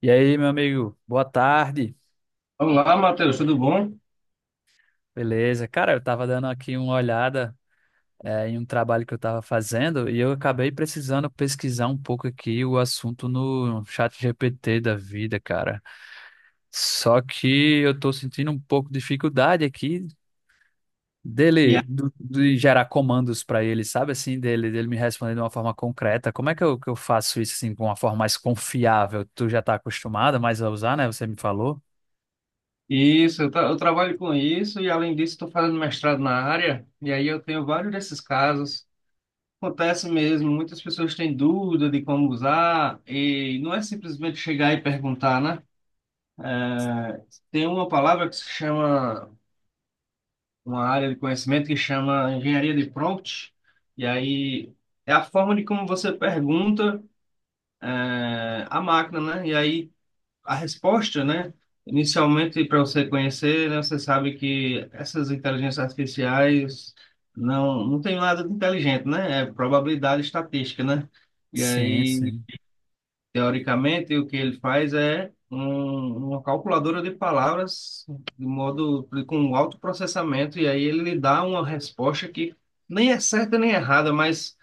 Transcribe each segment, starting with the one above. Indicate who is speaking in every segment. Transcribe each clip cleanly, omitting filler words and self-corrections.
Speaker 1: E aí, meu amigo, boa tarde.
Speaker 2: Olá, Matheus, tudo bom?
Speaker 1: Beleza? Cara, eu tava dando aqui uma olhada, em um trabalho que eu tava fazendo e eu acabei precisando pesquisar um pouco aqui o assunto no chat GPT da vida, cara. Só que eu tô sentindo um pouco de dificuldade aqui
Speaker 2: E aí,
Speaker 1: de gerar comandos pra ele, sabe assim, dele me responder de uma forma concreta. Como é que eu faço isso assim, de uma forma mais confiável? Tu já tá acostumado mais a usar, né? Você me falou?
Speaker 2: isso, eu trabalho com isso e além disso estou fazendo mestrado na área e aí eu tenho vários desses casos. Acontece mesmo, muitas pessoas têm dúvida de como usar e não é simplesmente chegar e perguntar, né? Tem uma palavra que se chama, uma área de conhecimento que chama engenharia de prompt, e aí é a forma de como você pergunta à máquina, né? E aí a resposta, né? Inicialmente, para você conhecer, né, você sabe que essas inteligências artificiais não tem nada de inteligente, né? É probabilidade estatística, né? E
Speaker 1: Sim,
Speaker 2: aí,
Speaker 1: sim.
Speaker 2: teoricamente, o que ele faz é uma calculadora de palavras de modo com um alto processamento, e aí ele lhe dá uma resposta que nem é certa nem errada, mas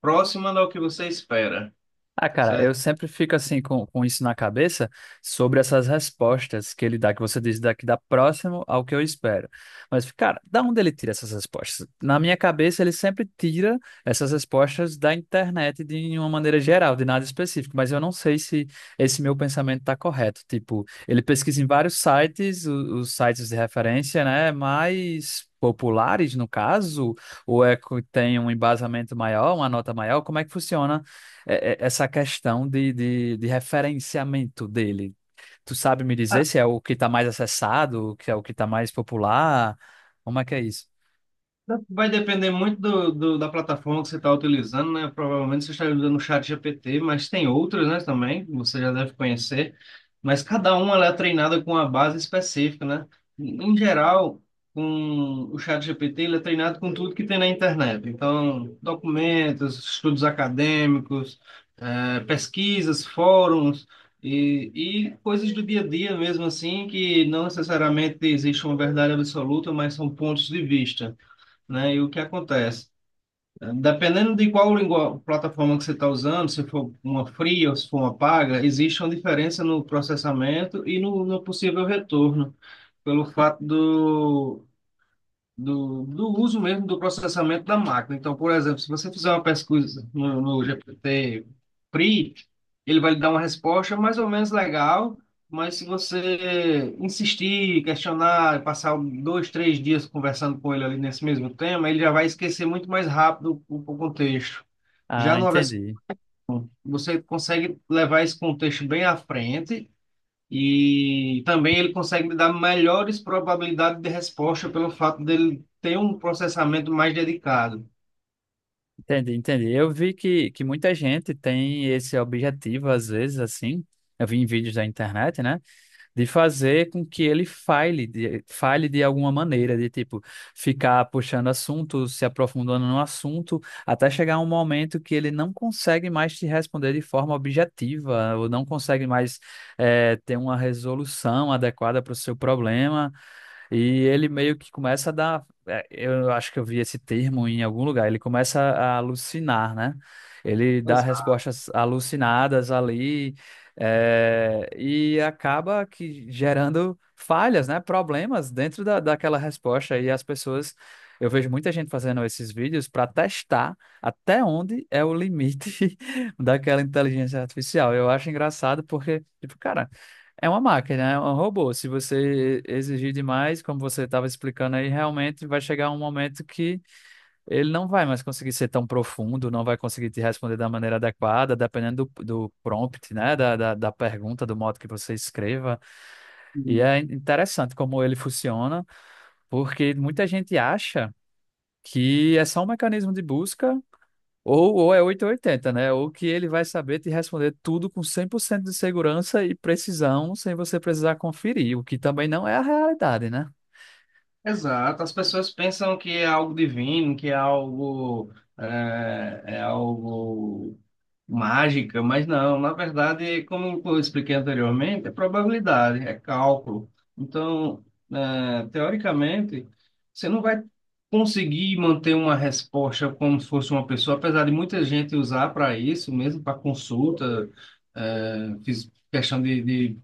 Speaker 2: próxima do que você espera.
Speaker 1: Ah, cara, eu sempre fico assim com isso na cabeça sobre essas respostas que ele dá, que você diz daqui dá próximo ao que eu espero. Mas, cara, da onde ele tira essas respostas? Na minha cabeça, ele sempre tira essas respostas da internet de uma maneira geral, de nada específico. Mas eu não sei se esse meu pensamento está correto. Tipo, ele pesquisa em vários sites, os sites de referência, né? Mais populares, no caso, ou é que tem um embasamento maior, uma nota maior? Como é que funciona? Essa questão de referenciamento dele. Tu sabe me dizer se é o que está mais acessado, que é o que está mais popular? Como é que é isso?
Speaker 2: Vai depender muito da plataforma que você está utilizando, né? Provavelmente você está usando o ChatGPT, mas tem outras, né, também, que você já deve conhecer. Mas cada uma ela é treinada com uma base específica, né? Em geral, com o ChatGPT ele é treinado com tudo que tem na internet. Então, documentos, estudos acadêmicos, pesquisas, fóruns e, e coisas do dia a dia mesmo assim, que não necessariamente existe uma verdade absoluta, mas são pontos de vista, né? E o que acontece? Dependendo de qual lingua- plataforma que você está usando, se for uma fria ou se for uma paga, existe uma diferença no processamento e no possível retorno, pelo fato do uso mesmo do processamento da máquina. Então, por exemplo, se você fizer uma pesquisa no GPT PRI, ele vai lhe dar uma resposta mais ou menos legal, mas se você insistir, questionar, passar um, dois, três dias conversando com ele ali nesse mesmo tema, ele já vai esquecer muito mais rápido o contexto. Já
Speaker 1: Ah,
Speaker 2: numa
Speaker 1: entendi.
Speaker 2: você consegue levar esse contexto bem à frente e também ele consegue me dar melhores probabilidades de resposta pelo fato dele ter um processamento mais dedicado.
Speaker 1: Entendi, entendi. Eu vi que muita gente tem esse objetivo, às vezes, assim. Eu vi em vídeos da internet, né? De fazer com que ele falhe de alguma maneira, de tipo, ficar puxando assunto, se aprofundando no assunto, até chegar um momento que ele não consegue mais te responder de forma objetiva, ou não consegue mais ter uma resolução adequada para o seu problema. E ele meio que começa a dar. Eu acho que eu vi esse termo em algum lugar. Ele começa a alucinar, né? Ele dá
Speaker 2: Exato.
Speaker 1: respostas alucinadas ali, é, e acaba que gerando falhas, né? Problemas dentro daquela resposta. E as pessoas. Eu vejo muita gente fazendo esses vídeos para testar até onde é o limite daquela inteligência artificial. Eu acho engraçado porque, tipo, cara. É uma máquina, é um robô. Se você exigir demais, como você estava explicando aí, realmente vai chegar um momento que ele não vai mais conseguir ser tão profundo, não vai conseguir te responder da maneira adequada, dependendo do prompt, né? Da pergunta, do modo que você escreva. E é interessante como ele funciona, porque muita gente acha que é só um mecanismo de busca. Ou é oito ou oitenta, né? Ou que ele vai saber te responder tudo com 100% de segurança e precisão, sem você precisar conferir, o que também não é a realidade, né?
Speaker 2: Exato, as pessoas pensam que é algo divino, que é algo, é algo mágica, mas não, na verdade, como eu expliquei anteriormente, é probabilidade, é cálculo. Então, teoricamente, você não vai conseguir manter uma resposta como se fosse uma pessoa, apesar de muita gente usar para isso, mesmo para consulta, fiz questão de, de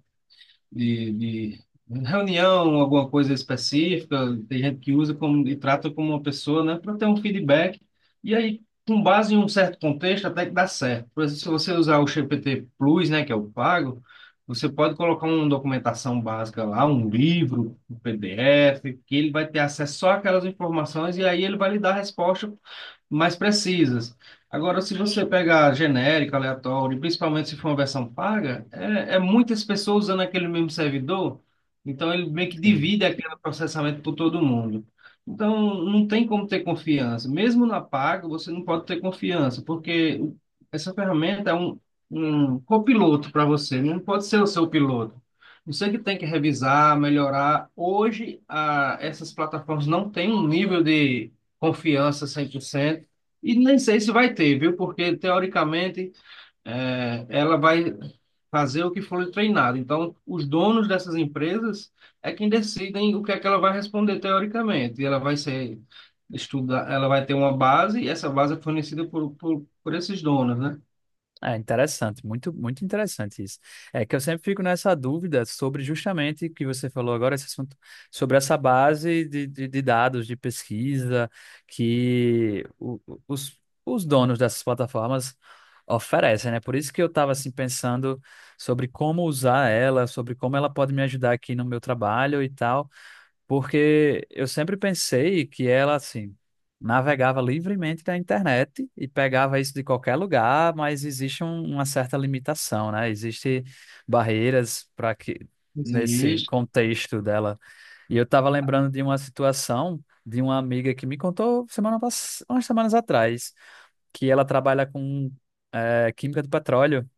Speaker 2: de, de reunião, alguma coisa específica, tem gente que usa como, e trata como uma pessoa, né, para ter um feedback. E aí, com base em um certo contexto, até que dá certo. Por exemplo, se você usar o GPT Plus, né, que é o pago, você pode colocar uma documentação básica lá, um livro, um PDF, que ele vai ter acesso só àquelas informações e aí ele vai lhe dar a resposta mais precisas. Agora, se você pegar genérico, aleatório, principalmente se for uma versão paga, é muitas pessoas usando aquele mesmo servidor, então ele meio que
Speaker 1: Sim.
Speaker 2: divide aquele processamento por todo mundo. Então, não tem como ter confiança. Mesmo na paga, você não pode ter confiança, porque essa ferramenta é um copiloto para você, né? Não pode ser o seu piloto. Você que tem que revisar, melhorar. Hoje, essas plataformas não têm um nível de confiança 100%. E nem sei se vai ter, viu? Porque, teoricamente, ela vai fazer o que for treinado. Então, os donos dessas empresas é quem decidem o que é que ela vai responder, teoricamente. E ela vai ser estudar, ela vai ter uma base, e essa base é fornecida por esses donos, né?
Speaker 1: É interessante, muito, muito interessante isso. É que eu sempre fico nessa dúvida sobre justamente o que você falou agora, esse assunto, sobre essa base de dados de pesquisa que os donos dessas plataformas oferecem, né? Por isso que eu estava assim pensando sobre como usar ela, sobre como ela pode me ajudar aqui no meu trabalho e tal. Porque eu sempre pensei que ela, assim, navegava livremente na internet e pegava isso de qualquer lugar, mas existe uma certa limitação, né? Existem barreiras para que nesse
Speaker 2: Existe.
Speaker 1: contexto dela. E eu estava lembrando de uma situação de uma amiga que me contou umas semanas atrás, que ela trabalha com química do petróleo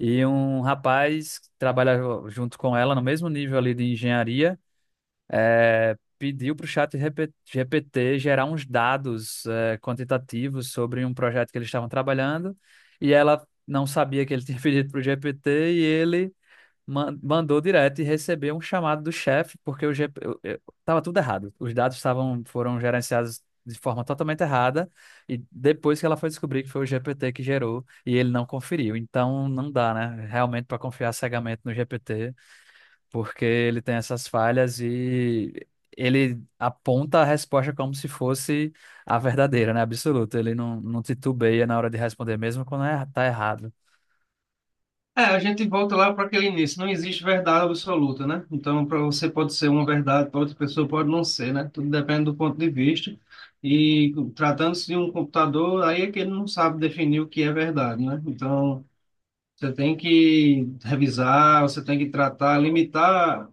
Speaker 1: e um rapaz trabalha junto com ela no mesmo nível ali de engenharia. É, pediu para o GPT gerar uns dados quantitativos sobre um projeto que eles estavam trabalhando e ela não sabia que ele tinha pedido para o GPT e ele mandou direto e recebeu um chamado do chefe porque o GP estava tudo errado. Os dados estavam foram gerenciados de forma totalmente errada e depois que ela foi descobrir que foi o GPT que gerou e ele não conferiu. Então não dá, né? Realmente para confiar cegamente no GPT porque ele tem essas falhas e ele aponta a resposta como se fosse a verdadeira, né? Absoluta. Ele não titubeia na hora de responder, mesmo quando é, tá errado.
Speaker 2: É, a gente volta lá para aquele início. Não existe verdade absoluta, né? Então, para você pode ser uma verdade, para outra pessoa pode não ser, né? Tudo depende do ponto de vista. E tratando-se de um computador, aí é que ele não sabe definir o que é verdade, né? Então, você tem que revisar, você tem que tratar, limitar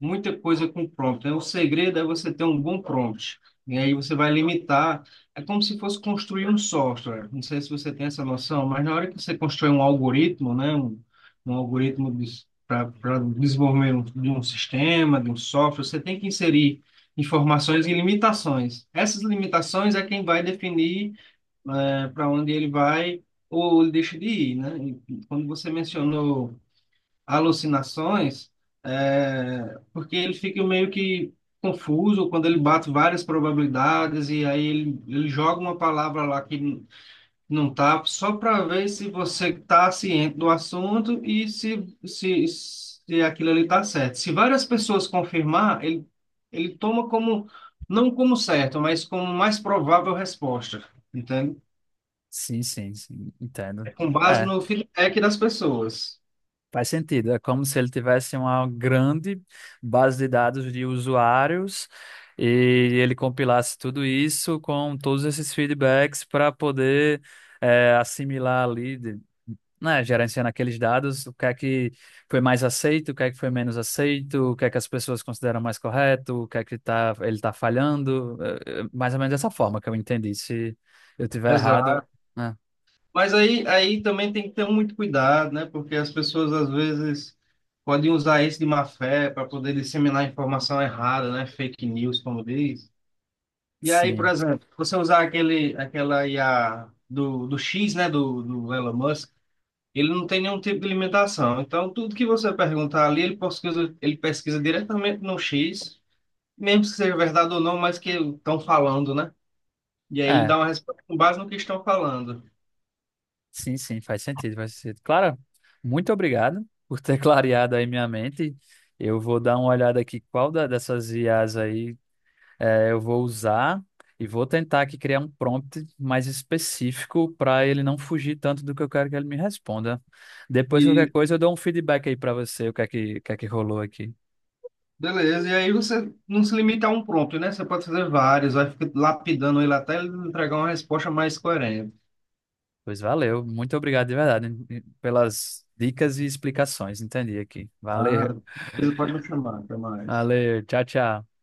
Speaker 2: muita coisa com prompt, né? O segredo é você ter um bom prompt. E aí você vai limitar. É como se fosse construir um software. Não sei se você tem essa noção, mas na hora que você constrói um algoritmo, né? Um algoritmo para desenvolvimento de um sistema, de um software, você tem que inserir informações e limitações. Essas limitações é quem vai definir para onde ele vai ou ele deixa de ir, né? E quando você mencionou alucinações, é, porque ele fica meio que confuso quando ele bate várias probabilidades e aí ele joga uma palavra lá não tá, só para ver se você tá ciente do assunto e se aquilo ali tá certo. Se várias pessoas confirmar, ele toma como, não como certo, mas como mais provável resposta, entende?
Speaker 1: Sim, sim, sim, entendo.
Speaker 2: Com base
Speaker 1: É,
Speaker 2: no feedback das pessoas.
Speaker 1: faz sentido. É como se ele tivesse uma grande base de dados de usuários e ele compilasse tudo isso com todos esses feedbacks para poder. É, assimilar ali, né, gerenciando aqueles dados, o que é que foi mais aceito, o que é que foi menos aceito, o que é que as pessoas consideram mais correto, o que é que tá, ele está falhando, mais ou menos dessa forma que eu entendi. Se eu tiver errado,
Speaker 2: Exato.
Speaker 1: né,
Speaker 2: Mas aí também tem que ter muito cuidado, né? Porque as pessoas às vezes podem usar isso de má fé para poder disseminar informação errada, né? Fake news, como diz. E aí, por
Speaker 1: sim,
Speaker 2: exemplo, você usar aquele, aquela IA do X, né? Do Elon Musk, ele não tem nenhum tipo de limitação. Então, tudo que você perguntar ali, ele pesquisa diretamente no X, mesmo que seja verdade ou não, mas que estão falando, né? E aí ele
Speaker 1: é,
Speaker 2: dá uma resposta com base no que estão falando.
Speaker 1: sim, sim, faz sentido, faz sentido. Clara, muito obrigado por ter clareado aí minha mente. Eu vou dar uma olhada aqui qual dessas IAs aí. É, eu vou usar e vou tentar aqui criar um prompt mais específico para ele não fugir tanto do que eu quero que ele me responda. Depois, qualquer
Speaker 2: E
Speaker 1: coisa, eu dou um feedback aí para você, o que é que rolou aqui.
Speaker 2: beleza, e aí você não se limita a um prompt, né? Você pode fazer vários, vai ficar lapidando ele até ele entregar uma resposta mais coerente.
Speaker 1: Pois valeu, muito obrigado de verdade hein, pelas dicas e explicações, entendi aqui.
Speaker 2: Ah,
Speaker 1: Valeu,
Speaker 2: ele pode me chamar, até mais.
Speaker 1: valeu, tchau, tchau.